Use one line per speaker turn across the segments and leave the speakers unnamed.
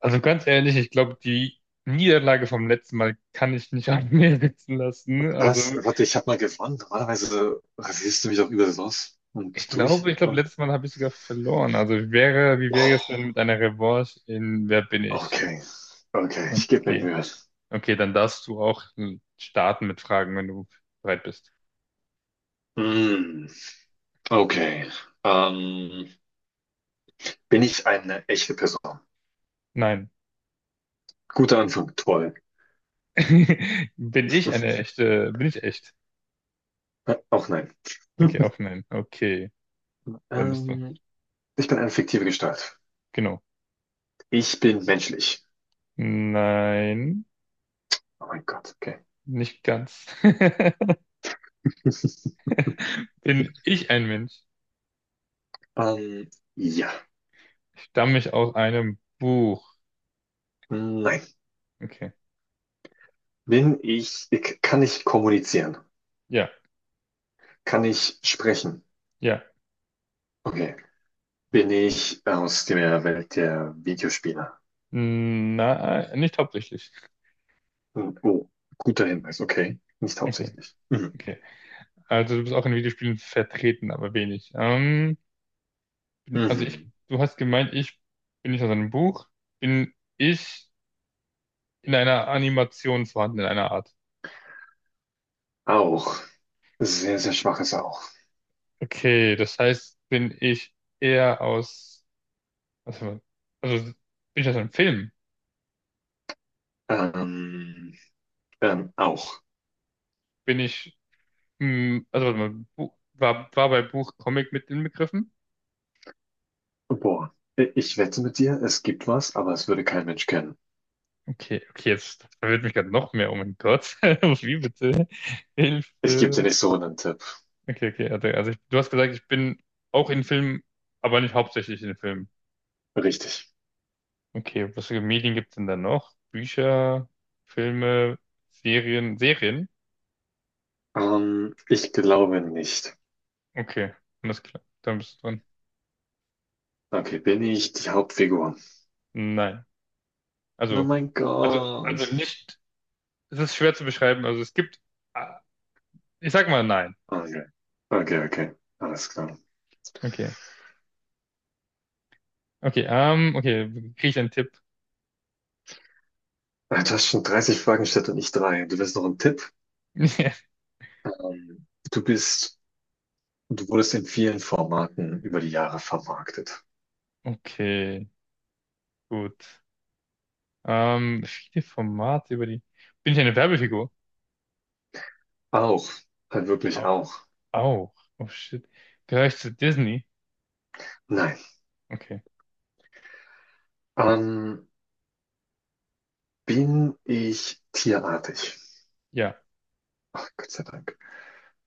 Also ganz ehrlich, ich glaube, die Niederlage vom letzten Mal kann ich nicht an mir sitzen lassen. Also
Was? Warte, ich habe mal gewonnen. Normalerweise rasierst du mich auch überall los
ich
und durch
glaube, ich glaube,
und.
letztes Mal habe ich sogar verloren. Also wie wäre es
Oh,
denn mit einer Revanche in Wer bin ich?
okay, okay, ich gebe mir
Okay.
Mühe.
Okay, dann darfst du auch starten mit Fragen, wenn du bereit bist.
Hm, okay. Ähm, Bin ich eine echte Person?
Nein.
Guter Anfang, toll.
Bin ich eine echte? Bin ich echt?
Auch nein. Hm.
Okay, auf nein. Okay, dann bist du.
Ähm, Ich bin eine fiktive Gestalt.
Genau.
Ich bin menschlich.
Nein,
Oh mein Gott, okay.
nicht ganz. Bin ich ein Mensch?
Ähm, ja.
Stamme ich aus einem Buch.
Nein.
Okay.
Kann ich kommunizieren?
Ja,
Kann ich sprechen?
ja.
Okay. Bin ich aus der Welt der Videospiele?
Nein, nicht hauptsächlich.
Hm, oh, guter Hinweis, okay. Nicht
Okay,
hauptsächlich. Mhm.
okay. Also du bist auch in Videospielen vertreten, aber wenig. Also
Mhm.
du hast gemeint, ich bin nicht aus einem Buch, bin ich in einer Animation vorhanden, in einer Art.
Auch. Sehr, sehr schwaches Auch.
Okay, das heißt, bin ich eher aus, also, also bin ich aus einem Film?
Ähm, Auch.
Bin ich, also warte mal, war bei Buch Comic mit inbegriffen?
Boah. Ich wette mit dir, es gibt was, aber es würde kein Mensch kennen.
Okay, okay, jetzt verwirrt mich gerade noch mehr. Oh mein Gott. Wie bitte?
Ich gebe dir
Hilfe.
nicht so einen Tipp.
Okay, okay, also du hast gesagt, ich bin auch in Filmen, aber nicht hauptsächlich in Filmen.
Richtig.
Okay, was für Medien gibt es denn da noch? Bücher, Filme, Serien?
Ich glaube nicht.
Okay, alles klar. Dann bist du dran.
Okay, bin ich die Hauptfigur?
Nein.
Oh
Also,
mein
also,
Gott.
also nicht, es ist schwer zu beschreiben. Also es gibt, ah, ich sag mal nein.
Okay. Okay, okay. Alles klar.
Okay. Okay, okay, kriege ich einen Tipp?
Du hast schon 30 Fragen gestellt und ich drei. Du willst noch einen Tipp? Ähm, du bist, du wurdest in vielen Formaten über die Jahre vermarktet.
Okay, gut. Viele Formate über die. Bin ich eine Werbefigur?
Auch, halt wirklich
Au-
auch.
Auch. Oh shit. Gehöre ich zu Disney?
Nein.
Okay.
Ähm, Bin ich tierartig?
Ja.
Ach, Gott sei Dank.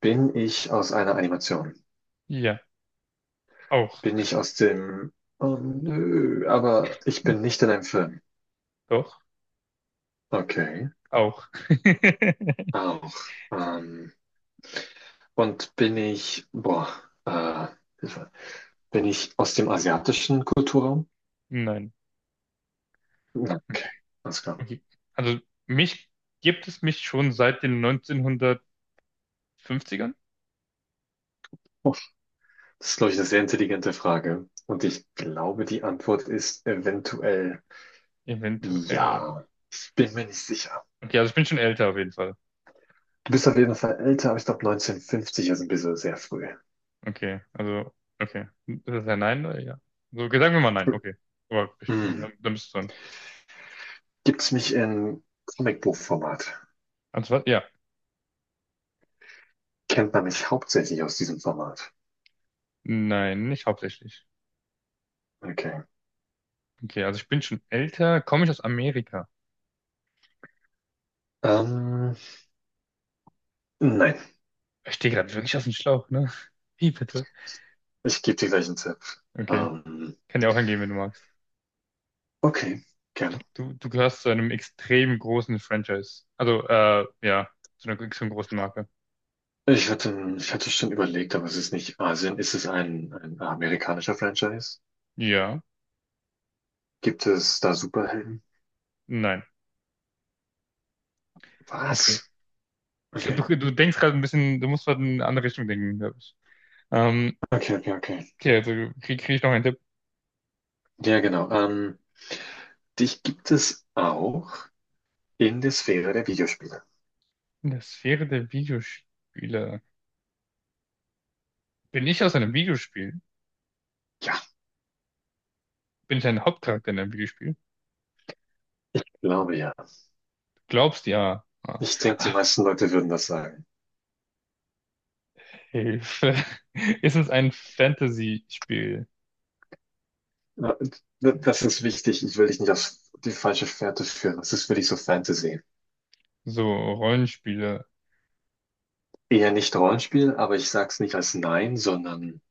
Bin ich aus einer Animation?
Ja. Auch.
Bin ich aus dem. Oh, nö, aber ich bin nicht in einem Film.
Doch.
Okay,
Auch.
auch. Ähm, und bin ich. Boah, äh, Hilfe. Bin ich aus dem asiatischen Kulturraum?
Nein.
Okay,
Okay.
alles klar.
Okay. Also mich gibt es mich schon seit den 1950ern?
Das ist, glaube ich, eine sehr intelligente Frage. Und ich glaube, die Antwort ist eventuell
Eventuell.
ja. Ich bin mir nicht sicher.
Okay, also ich bin schon älter auf jeden Fall.
Du bist auf jeden Fall älter, aber ich glaube 1950 ist ein bisschen sehr früh.
Okay. Also, okay. Ist das ein Nein oder ja? So, okay, sagen wir mal nein. Okay. Aber bestehen. Okay,
Hm.
dann bist du dran.
Gibt es mich in Comicbuchformat?
Also, was? Ja.
Kennt man mich hauptsächlich aus diesem Format?
Nein, nicht hauptsächlich.
Okay.
Okay, also ich bin schon älter, komme ich aus Amerika.
Ähm, nein,
Ich stehe gerade wirklich aus dem Schlauch, ne? Wie bitte?
ich gebe dir gleich einen Tipp.
Okay,
Ähm,
kann dir auch angehen, wenn du magst.
okay, gerne.
Du gehörst zu einem extrem großen Franchise. Also, ja, zu einer extrem großen Marke.
Ich hatte schon überlegt, aber es ist nicht Asien. Ist es ein amerikanischer Franchise?
Ja,
Gibt es da Superhelden?
nein, okay.
Was?
Ich
Okay,
glaub, du denkst gerade ein bisschen, du musst gerade in eine andere Richtung denken, glaube ich. Ähm,
okay, okay, okay.
okay, also krieg ich noch einen Tipp.
Ja, genau. Dich gibt es auch in der Sphäre der Videospiele.
In der Sphäre der Videospiele. Bin ich aus einem Videospiel?
Ja,
Bin ich ein Hauptcharakter in einem Videospiel?
glaube ja.
Du glaubst ja.
Ich denke, die
Ah,
meisten Leute würden das sagen.
Hilfe. Ist es ein Fantasy-Spiel?
Ja, das ist wichtig. Ich will dich nicht auf die falsche Fährte führen. Das ist wirklich so Fantasy.
So Rollenspiele.
Eher nicht Rollenspiel, aber ich sag's nicht als Nein, sondern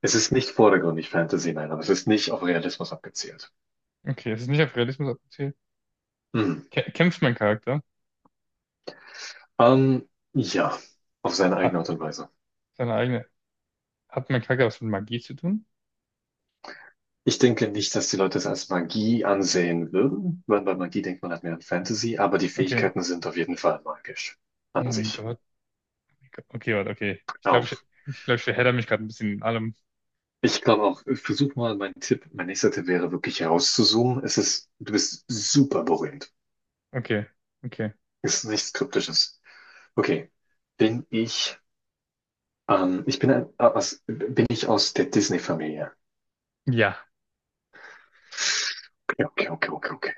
es ist nicht vordergründig Fantasy, nein, aber es ist nicht auf Realismus abgezielt.
Okay, es ist nicht auf Realismus abgezielt.
Hm.
Kämpft mein Charakter?
Ähm, ja, auf seine eigene
Hat
Art und Weise.
seine eigene. Hat mein Charakter was mit Magie zu tun?
Ich denke nicht, dass die Leute es als Magie ansehen würden, weil bei Magie denkt man halt mehr an Fantasy, aber die
Okay.
Fähigkeiten sind auf jeden Fall magisch
Oh
an
mein
sich.
Gott. Okay, warte, okay.
Auch.
Ich glaube, ich verhedder mich gerade ein bisschen in allem.
Ich glaube auch, ich versuch mal, mein nächster Tipp wäre wirklich herauszuzoomen. Es ist, du bist super berühmt.
Okay, okay.
Es ist nichts Kryptisches. Okay. Bin ich, Bin ich aus der Disney-Familie?
Ja.
Okay, okay, okay, okay, okay.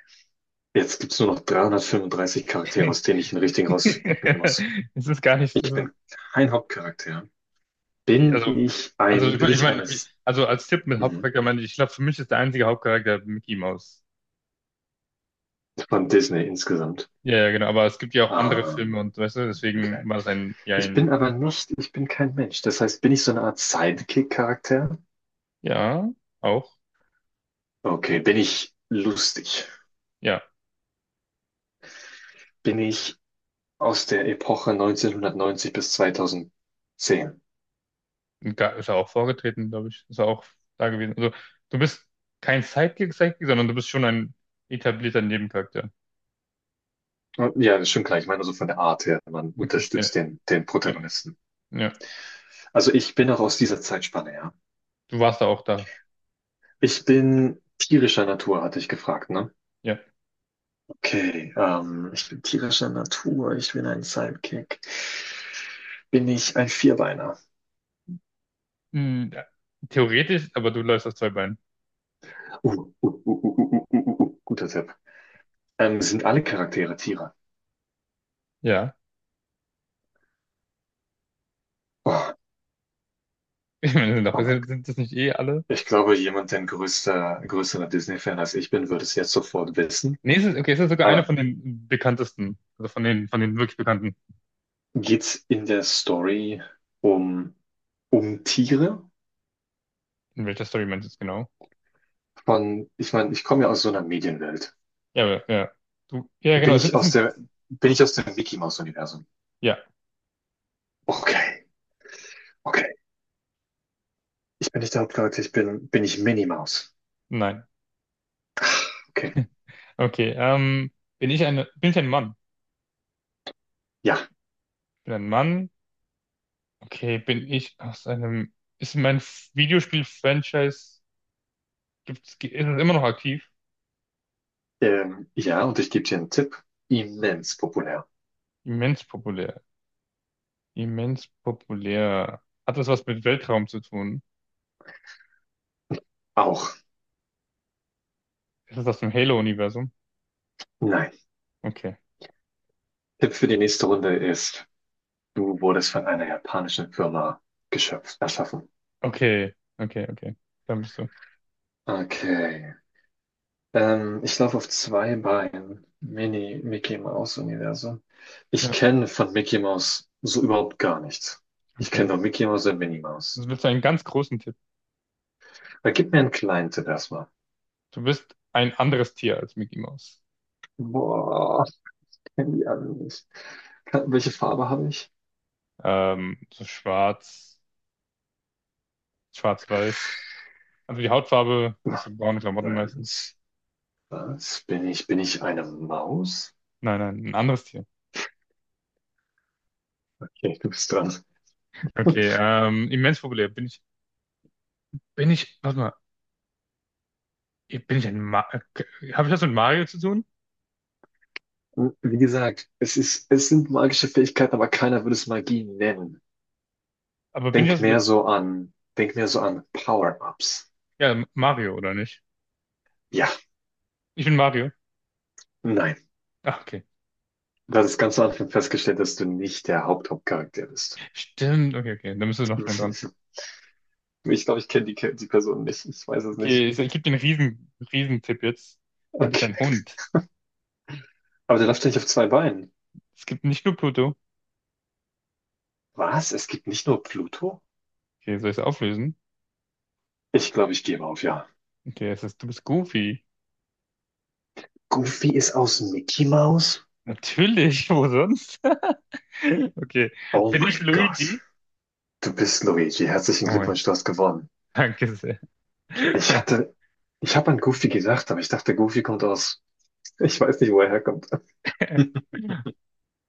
Jetzt gibt's nur noch 335 Charaktere, aus denen ich den richtigen rauspicken muss.
Es ist gar nicht. Es
Ich
ist,
bin kein Hauptcharakter.
also, also ich
Bin
meine, ich
ich
mein,
eines
also als Tipp mit
Mhm.
Hauptcharakter meine ich, ich glaube, für mich ist der einzige Hauptcharakter Mickey Mouse.
von Disney insgesamt?
Ja, ja, genau, aber es gibt ja auch andere
Ähm,
Filme und weißt du,
okay.
deswegen war das
Ich
ein,
bin aber nicht, ich bin kein Mensch. Das heißt, bin ich so eine Art Sidekick-Charakter?
ja, auch,
Okay, bin ich lustig?
ja,
Bin ich aus der Epoche 1990 bis 2010?
Ist er auch vorgetreten, glaube ich, ist er auch da gewesen. Also, du bist kein Sidekick, sondern du bist schon ein etablierter Nebencharakter.
Und ja, das ist schon klar. Ich meine, so von der Art her, man
Okay, ja,
unterstützt den
ja,
Protagonisten.
ja,
Also ich bin auch aus dieser Zeitspanne, ja.
du warst da auch da,
Ich bin tierischer Natur, hatte ich gefragt, ne?
ja.
Okay, ich bin tierischer Natur, ich bin ein Sidekick. Bin ich ein Vierbeiner?
Hm, ja. Theoretisch, aber du läufst auf zwei Beinen.
Guter Tipp. Sind alle Charaktere Tiere?
Ja,
Oh,
ich meine,
oh mein
sind,
Gott.
sind das nicht eh alle?
Ich glaube, jemand, der ein größerer Disney-Fan als ich bin, würde es jetzt sofort wissen.
Nee, es ist, okay, es ist sogar einer
Aber
von den bekanntesten, also von den wirklich bekannten.
geht's in der Story um, um Tiere?
In welcher Story meinst du es genau?
Von, ich meine, ich komme ja aus so einer Medienwelt.
Ja, aber, ja. Du, ja,
Bin
genau.
ich
Es
aus
sind
der, Bin ich aus dem Mickey-Maus-Universum?
Ja,
Okay, okay. Ich bin nicht der Hauptcharakter, bin ich Minnie Maus.
nein.
Okay.
Okay, bin ich ein Mann?
Ja.
Bin ein Mann? Okay, bin ich aus einem, ist mein Videospiel-Franchise, ist es immer noch aktiv?
Ja, und ich gebe dir einen Tipp.
Ja.
Immens populär.
Immens populär. Immens populär. Hat das was mit Weltraum zu tun?
Auch.
Ist das aus dem Halo-Universum?
Nein.
Okay.
Tipp für die nächste Runde ist, du wurdest von einer japanischen Firma geschöpft, erschaffen.
Okay, okay, okay. Da bist du.
Okay. Ich laufe auf zwei Beinen. Mini Mickey Mouse Universum. Ich
Ja,
kenne von Mickey Mouse so überhaupt gar nichts. Ich kenne
okay.
nur Mickey Mouse und Minnie Mouse.
Das willst du einen ganz großen Tipp.
Aber gib mir einen kleinen Tipp erstmal.
Du bist ein anderes Tier als Mickey Mouse.
Boah, ich kenne die alle nicht. Welche Farbe habe ich?
So schwarz, schwarz-weiß. Also die Hautfarbe, hast du braune Klamotten meistens?
Was? Was? Bin ich eine Maus?
Nein, nein, ein anderes Tier.
Okay, du bist dran.
Okay, immens populär. Warte mal, bin ich ein Ma habe ich das mit Mario zu tun?
Wie gesagt, es sind magische Fähigkeiten, aber keiner würde es Magie nennen.
Aber bin ich das mit,
Denk mehr so an Power-Ups.
ja, Mario oder nicht?
Ja,
Ich bin Mario.
nein.
Ach, okay.
Das ist ganz am Anfang festgestellt, dass du nicht der Hauptcharakter bist.
Stimmt, okay, okay, dann bist du noch schnell dran.
Ich glaube, ich kenne die Person nicht. Ich weiß es nicht.
Okay, ich gebe dir einen riesen, riesen Tipp jetzt. Du bist
Okay.
ein Hund.
Aber der läuft ja nicht auf zwei Beinen.
Es gibt nicht nur Pluto.
Was? Es gibt nicht nur Pluto?
Okay, soll ich es auflösen?
Ich glaube, ich gebe auf, ja.
Okay, es ist, du bist Goofy.
Goofy ist aus Mickey Mouse?
Natürlich, wo sonst? Okay,
Oh
bin ich
mein Gott.
Luigi?
Du bist Luigi. Herzlichen
Oh mein,
Glückwunsch, du hast gewonnen.
danke sehr.
Ich
Ja.
hatte, Ich habe an Goofy gedacht, aber ich dachte, Goofy kommt aus, ich weiß nicht, wo er herkommt.